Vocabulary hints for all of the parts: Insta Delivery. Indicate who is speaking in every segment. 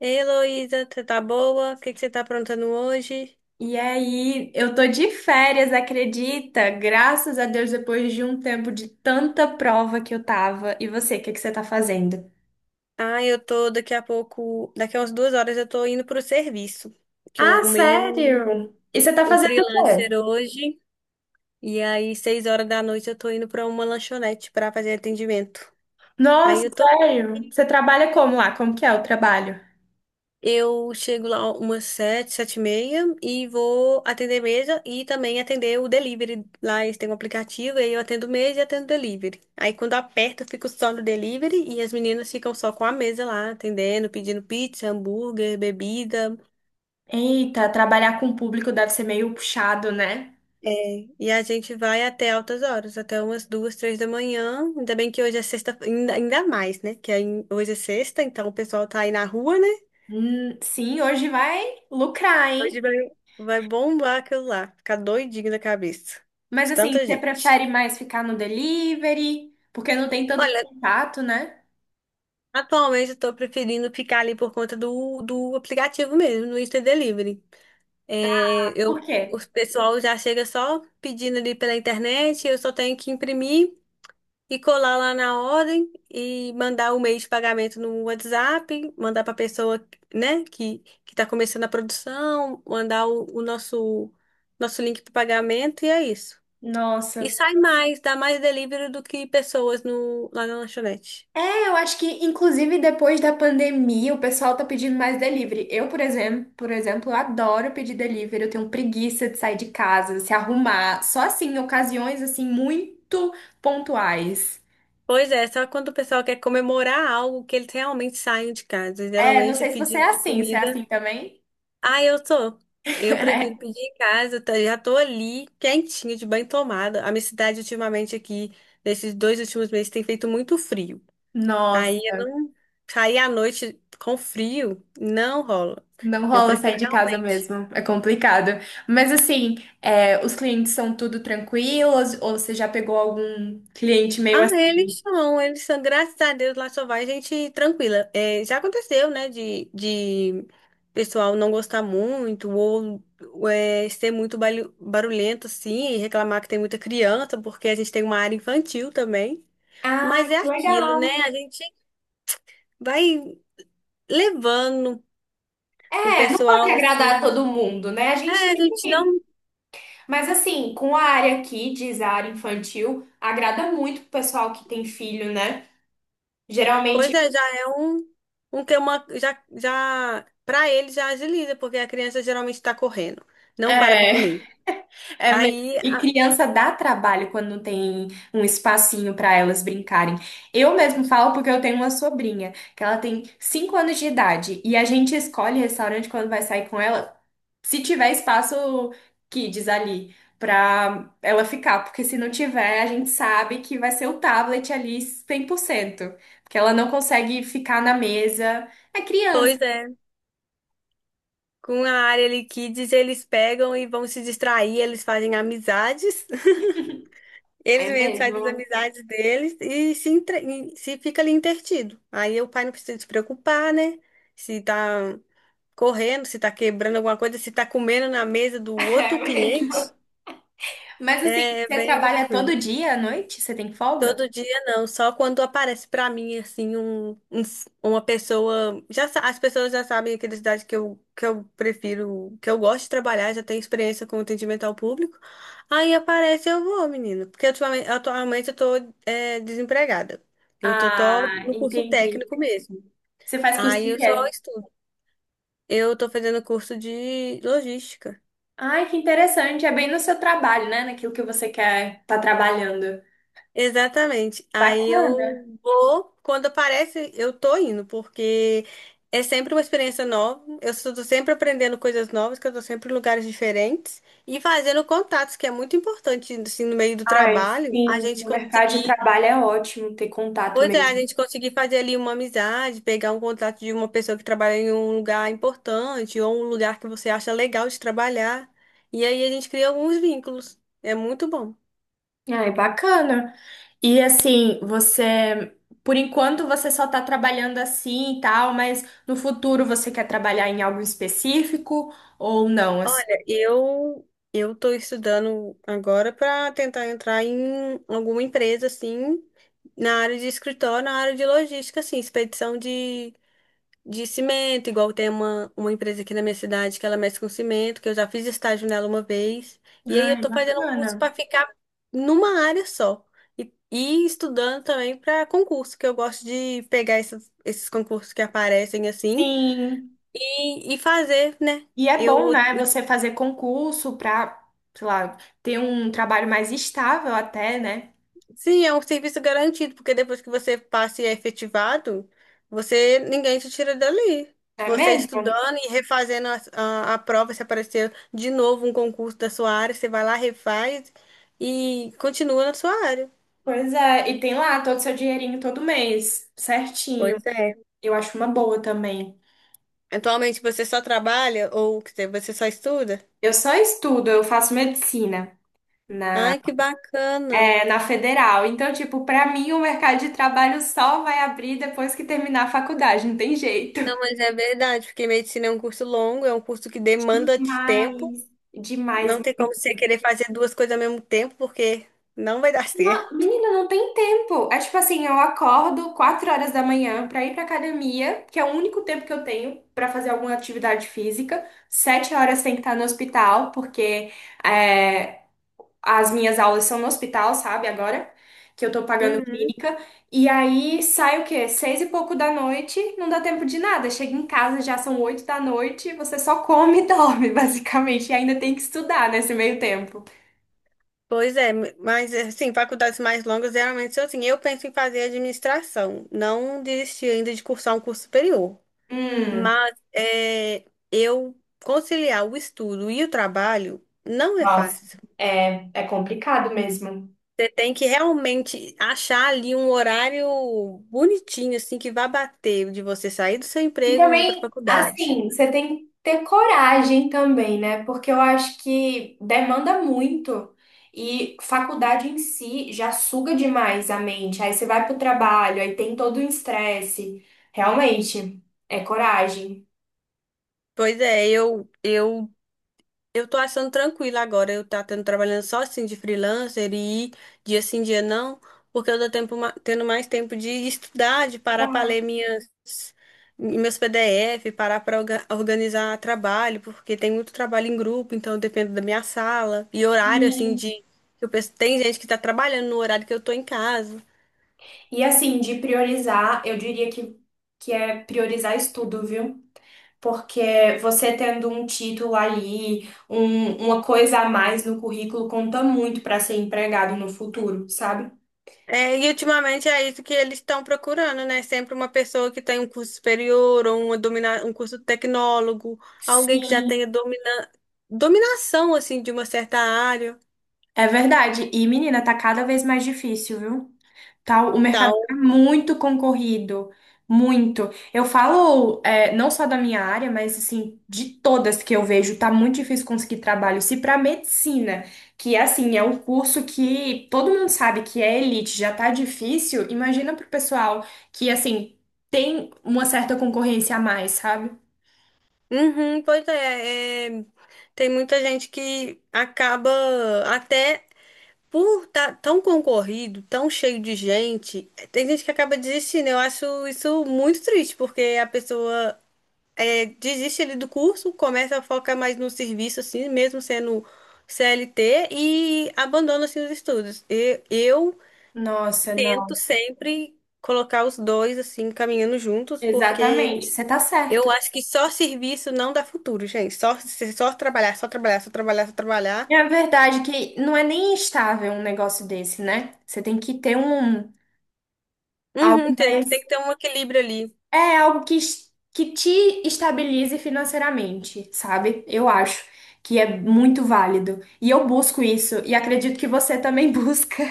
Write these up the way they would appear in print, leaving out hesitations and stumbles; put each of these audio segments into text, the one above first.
Speaker 1: Ei, Heloísa, você tá boa? O que que você tá aprontando hoje?
Speaker 2: E aí, eu tô de férias, acredita? Graças a Deus, depois de um tempo de tanta prova que eu tava. E você, o que que você tá fazendo?
Speaker 1: Ah, eu tô daqui a pouco, daqui a umas 2 horas eu tô indo pro serviço, que eu
Speaker 2: Ah,
Speaker 1: arrumei
Speaker 2: sério? E você tá
Speaker 1: um
Speaker 2: fazendo o
Speaker 1: freelancer
Speaker 2: quê?
Speaker 1: hoje, e aí 6 horas da noite eu tô indo pra uma lanchonete pra fazer atendimento. Aí
Speaker 2: Nossa,
Speaker 1: eu tô
Speaker 2: sério? Você trabalha como lá? Como que é o trabalho?
Speaker 1: Eu chego lá umas 7, 7:30 e vou atender mesa e também atender o delivery. Lá eles têm um aplicativo, aí eu atendo mesa e atendo delivery. Aí quando aperto, eu fico só no delivery e as meninas ficam só com a mesa lá, atendendo, pedindo pizza, hambúrguer, bebida.
Speaker 2: Eita, trabalhar com o público deve ser meio puxado, né?
Speaker 1: É, e a gente vai até altas horas, até umas 2, 3 da manhã. Ainda bem que hoje é sexta, ainda mais, né? Que aí hoje é sexta, então o pessoal tá aí na rua, né?
Speaker 2: Sim, hoje vai lucrar,
Speaker 1: Hoje
Speaker 2: hein?
Speaker 1: vai, vai bombar aquilo lá, ficar doidinho da cabeça
Speaker 2: Mas
Speaker 1: de
Speaker 2: assim,
Speaker 1: tanta
Speaker 2: você
Speaker 1: gente.
Speaker 2: prefere mais ficar no delivery? Porque não tem tanto
Speaker 1: Olha,
Speaker 2: contato, né?
Speaker 1: atualmente eu tô preferindo ficar ali por conta do aplicativo mesmo, no Insta Delivery. É,
Speaker 2: Por
Speaker 1: eu,
Speaker 2: quê?
Speaker 1: o pessoal já chega só pedindo ali pela internet, eu só tenho que imprimir e colar lá na ordem e mandar o meio de pagamento no WhatsApp, mandar para pessoa, né, que está começando a produção, mandar o nosso nosso link para pagamento e é isso. E
Speaker 2: Nossa.
Speaker 1: sai mais, dá mais delivery do que pessoas no, lá na lanchonete.
Speaker 2: Eu acho que, inclusive, depois da pandemia, o pessoal tá pedindo mais delivery. Eu, por exemplo, adoro pedir delivery. Eu tenho preguiça de sair de casa, se arrumar. Só assim, em ocasiões, assim, muito pontuais.
Speaker 1: Pois é, só quando o pessoal quer comemorar algo que eles realmente saem de casa.
Speaker 2: É, não
Speaker 1: Geralmente é
Speaker 2: sei se você
Speaker 1: pedido
Speaker 2: é
Speaker 1: de
Speaker 2: assim. Você é
Speaker 1: comida.
Speaker 2: assim também?
Speaker 1: Ah, eu tô. Eu prefiro pedir em casa, tá? Já tô ali, quentinha, de banho tomada. A minha cidade, ultimamente, aqui, nesses 2 últimos meses, tem feito muito frio. Aí
Speaker 2: Nossa,
Speaker 1: eu não Sair à noite com frio, não rola.
Speaker 2: não
Speaker 1: Eu
Speaker 2: rola
Speaker 1: prefiro
Speaker 2: sair de casa
Speaker 1: realmente.
Speaker 2: mesmo. É complicado. Mas, assim, é, os clientes são tudo tranquilos? Ou você já pegou algum cliente meio
Speaker 1: Ah,
Speaker 2: assim?
Speaker 1: eles são, graças a Deus, lá só vai gente tranquila. É, já aconteceu, né, de pessoal não gostar muito ou ser muito barulhento, assim, e reclamar que tem muita criança, porque a gente tem uma área infantil também.
Speaker 2: Ah,
Speaker 1: Mas é
Speaker 2: que
Speaker 1: aquilo, né?
Speaker 2: legal.
Speaker 1: A gente vai levando o
Speaker 2: É, não pode
Speaker 1: pessoal,
Speaker 2: agradar
Speaker 1: assim.
Speaker 2: todo mundo, né? A gente
Speaker 1: É, a
Speaker 2: tem
Speaker 1: gente
Speaker 2: que.
Speaker 1: não.
Speaker 2: Mas assim, com a área aqui, diz a área infantil, agrada muito o pessoal que tem filho, né?
Speaker 1: Pois
Speaker 2: Geralmente.
Speaker 1: é, já é um. Um que é uma, já, pra ele já agiliza, porque a criança geralmente tá correndo. Não para pra comer.
Speaker 2: É mesmo.
Speaker 1: Aí,
Speaker 2: E criança dá trabalho quando não tem um espacinho para elas brincarem. Eu mesmo falo porque eu tenho uma sobrinha, que ela tem 5 anos de idade, e a gente escolhe restaurante quando vai sair com ela, se tiver espaço kids ali pra ela ficar, porque se não tiver, a gente sabe que vai ser o tablet ali 100%, porque ela não consegue ficar na mesa. É criança.
Speaker 1: pois é, com a área ali kids, eles pegam e vão se distrair, eles fazem amizades, eles
Speaker 2: É
Speaker 1: mesmos fazem as
Speaker 2: mesmo.
Speaker 1: amizades deles e se fica ali entretido. Aí o pai não precisa se preocupar, né? Se tá correndo, se tá quebrando alguma coisa, se tá comendo na mesa do
Speaker 2: É
Speaker 1: outro
Speaker 2: mesmo.
Speaker 1: cliente,
Speaker 2: Mas assim,
Speaker 1: é
Speaker 2: você
Speaker 1: bem
Speaker 2: trabalha
Speaker 1: tranquilo.
Speaker 2: todo dia à noite? Você tem folga?
Speaker 1: Todo dia não, só quando aparece pra mim assim uma pessoa, as pessoas já sabem a idade que eu prefiro, que eu gosto de trabalhar, já tenho experiência com atendimento ao público. Aí aparece eu vou, menino, porque atualmente eu tô desempregada. Tô
Speaker 2: Ah,
Speaker 1: no curso
Speaker 2: entendi.
Speaker 1: técnico mesmo.
Speaker 2: Você faz curso
Speaker 1: Aí
Speaker 2: que
Speaker 1: eu só
Speaker 2: quer?
Speaker 1: estudo. Eu tô fazendo curso de logística.
Speaker 2: Ai, que interessante. É bem no seu trabalho, né? Naquilo que você quer tá trabalhando.
Speaker 1: Exatamente. Aí
Speaker 2: Bacana.
Speaker 1: eu vou, quando aparece, eu tô indo, porque é sempre uma experiência nova. Eu estou sempre aprendendo coisas novas, que eu tô sempre em lugares diferentes e fazendo contatos, que é muito importante, assim, no meio do
Speaker 2: Ai,
Speaker 1: trabalho,
Speaker 2: sim, no mercado de trabalho é ótimo ter contato
Speaker 1: pois é, a
Speaker 2: mesmo.
Speaker 1: gente conseguir fazer ali uma amizade, pegar um contato de uma pessoa que trabalha em um lugar importante ou um lugar que você acha legal de trabalhar. E aí a gente cria alguns vínculos. É muito bom.
Speaker 2: Ai, bacana. E assim, você, por enquanto você só tá trabalhando assim e tal, mas no futuro você quer trabalhar em algo específico ou não, assim?
Speaker 1: Olha, eu estou estudando agora para tentar entrar em alguma empresa assim na área de escritório, na área de logística, assim, de cimento, igual tem uma empresa aqui na minha cidade que ela mexe com cimento, que eu já fiz estágio nela uma vez. E aí eu
Speaker 2: Ai,
Speaker 1: estou fazendo um
Speaker 2: bacana.
Speaker 1: curso para ficar numa área só. E estudando também para concurso, que eu gosto de pegar esses concursos que aparecem assim
Speaker 2: Sim.
Speaker 1: e fazer, né?
Speaker 2: E é bom,
Speaker 1: Eu
Speaker 2: né, você fazer concurso para sei lá, ter um trabalho mais estável até, né?
Speaker 1: Sim, é um serviço garantido, porque depois que você passa e é efetivado, você ninguém te tira dali.
Speaker 2: É
Speaker 1: Você
Speaker 2: mesmo?
Speaker 1: estudando e refazendo a prova, se aparecer de novo um concurso da sua área, você vai lá, refaz e continua na sua área.
Speaker 2: Pois é, e tem lá todo o seu dinheirinho todo mês, certinho.
Speaker 1: Pois é.
Speaker 2: Eu acho uma boa também.
Speaker 1: Atualmente você só trabalha ou quer dizer, você só estuda?
Speaker 2: Eu só estudo, eu faço medicina na,
Speaker 1: Ai, que bacana.
Speaker 2: é, na federal. Então, tipo, pra mim o mercado de trabalho só vai abrir depois que terminar a faculdade, não tem jeito.
Speaker 1: Não, mas é verdade, porque medicina é um curso longo, é um curso que demanda de tempo.
Speaker 2: Demais. Demais.
Speaker 1: Não tem como você querer fazer duas coisas ao mesmo tempo, porque não vai dar certo.
Speaker 2: Menina, não tem tempo. É tipo assim, eu acordo 4 horas da manhã pra ir pra academia, que é o único tempo que eu tenho pra fazer alguma atividade física. 7 horas tem que estar no hospital, porque é, as minhas aulas são no hospital, sabe? Agora que eu tô pagando
Speaker 1: Uhum.
Speaker 2: clínica. E aí sai o quê? Seis e pouco da noite, não dá tempo de nada. Chega em casa, já são 8 da noite, você só come e dorme, basicamente. E ainda tem que estudar nesse meio tempo.
Speaker 1: Pois é, mas assim, faculdades mais longas geralmente são assim. Eu penso em fazer administração, não desisti ainda de cursar um curso superior,
Speaker 2: Hum.
Speaker 1: mas é, eu conciliar o estudo e o trabalho não é
Speaker 2: Nossa,
Speaker 1: fácil.
Speaker 2: é, é complicado mesmo.
Speaker 1: Você tem que realmente achar ali um horário bonitinho, assim, que vá bater de você sair do seu
Speaker 2: E
Speaker 1: emprego e ir para a
Speaker 2: também,
Speaker 1: faculdade.
Speaker 2: assim, você tem que ter coragem também, né? Porque eu acho que demanda muito. E faculdade em si já suga demais a mente. Aí você vai pro trabalho, aí tem todo o estresse. Realmente, é coragem.
Speaker 1: Pois é, eu tô achando tranquilo agora. Eu tá tendo trabalhando só assim de freelancer e ir dia sim, dia não, porque eu tô tendo mais tempo de estudar, de parar para ler minhas meus PDF, parar para organizar trabalho, porque tem muito trabalho em grupo, então depende da minha sala e horário assim
Speaker 2: E,
Speaker 1: de tem gente que tá trabalhando no horário que eu tô em casa.
Speaker 2: e assim, de priorizar, eu diria que é priorizar estudo, viu? Porque você tendo um título ali, um- uma coisa a mais no currículo, conta muito para ser empregado no futuro, sabe?
Speaker 1: É, e ultimamente é isso que eles estão procurando, né? Sempre uma pessoa que tem um curso superior ou um curso tecnólogo, alguém que já
Speaker 2: Sim,
Speaker 1: dominação, assim, de uma certa área,
Speaker 2: é verdade. E, menina, tá cada vez mais difícil, viu? Tal, o mercado está
Speaker 1: tal.
Speaker 2: muito concorrido, muito. Eu falo, é, não só da minha área, mas assim, de todas que eu vejo, tá muito difícil conseguir trabalho. Se para medicina, que assim, é um curso que todo mundo sabe que é elite, já tá difícil, imagina pro pessoal que assim, tem uma certa concorrência a mais, sabe?
Speaker 1: Uhum, tem muita gente que acaba até por estar tão concorrido, tão cheio de gente, tem gente que acaba desistindo. Eu acho isso muito triste, porque a pessoa desiste ali do curso, começa a focar mais no serviço, assim, mesmo sendo CLT, e abandona, assim, os estudos. E eu
Speaker 2: Nossa,
Speaker 1: tento
Speaker 2: não.
Speaker 1: sempre colocar os dois, assim, caminhando juntos,
Speaker 2: Exatamente,
Speaker 1: porque
Speaker 2: você tá
Speaker 1: eu
Speaker 2: certa.
Speaker 1: acho que só serviço não dá futuro, gente. Só trabalhar, só trabalhar, só trabalhar, só
Speaker 2: É
Speaker 1: trabalhar.
Speaker 2: a verdade é que não é nem estável um negócio desse, né? Você tem que ter um
Speaker 1: Uhum,
Speaker 2: algo
Speaker 1: tem
Speaker 2: mais.
Speaker 1: que ter um equilíbrio ali.
Speaker 2: É algo que, es- que te estabilize financeiramente, sabe? Eu acho que é muito válido. E eu busco isso, e acredito que você também busca.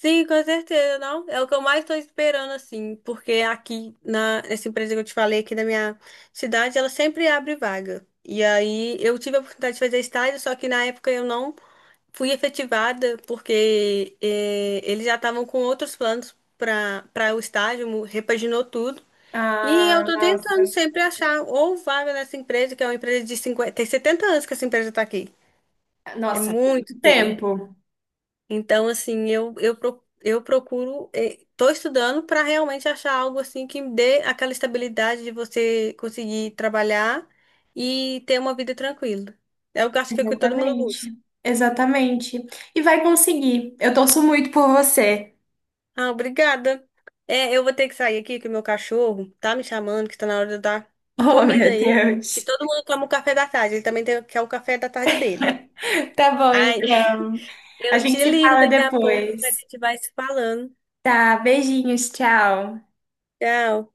Speaker 1: Sim, com certeza, não. É o que eu mais estou esperando, assim, porque nessa empresa que eu te falei, aqui da minha cidade, ela sempre abre vaga. E aí eu tive a oportunidade de fazer estágio, só que na época eu não fui efetivada, porque eles já estavam com outros planos para o estágio, repaginou tudo. E eu
Speaker 2: Ah,
Speaker 1: tô
Speaker 2: nossa.
Speaker 1: tentando sempre achar ou vaga nessa empresa, que é uma empresa de 50 tem 70 anos que essa empresa está aqui. É
Speaker 2: Nossa, muito
Speaker 1: muito
Speaker 2: tempo.
Speaker 1: então, eu procuro, estou estudando para realmente achar algo assim que me dê aquela estabilidade de você conseguir trabalhar e ter uma vida tranquila. Eu acho que é o que todo mundo busca.
Speaker 2: Exatamente. Exatamente. E vai conseguir. Eu torço muito por você.
Speaker 1: Ah, obrigada. É, eu vou ter que sair aqui, que o meu cachorro tá me chamando, que está na hora de eu dar
Speaker 2: Oh,
Speaker 1: comida a
Speaker 2: meu
Speaker 1: ele, que
Speaker 2: Deus.
Speaker 1: todo mundo toma o café da tarde, ele também tem, quer o café da tarde dele.
Speaker 2: Tá bom,
Speaker 1: Ai,
Speaker 2: então.
Speaker 1: eu
Speaker 2: A gente
Speaker 1: te
Speaker 2: se
Speaker 1: ligo
Speaker 2: fala
Speaker 1: daqui a pouco, mas a
Speaker 2: depois.
Speaker 1: gente vai se falando.
Speaker 2: Tá, beijinhos, tchau.
Speaker 1: Tchau.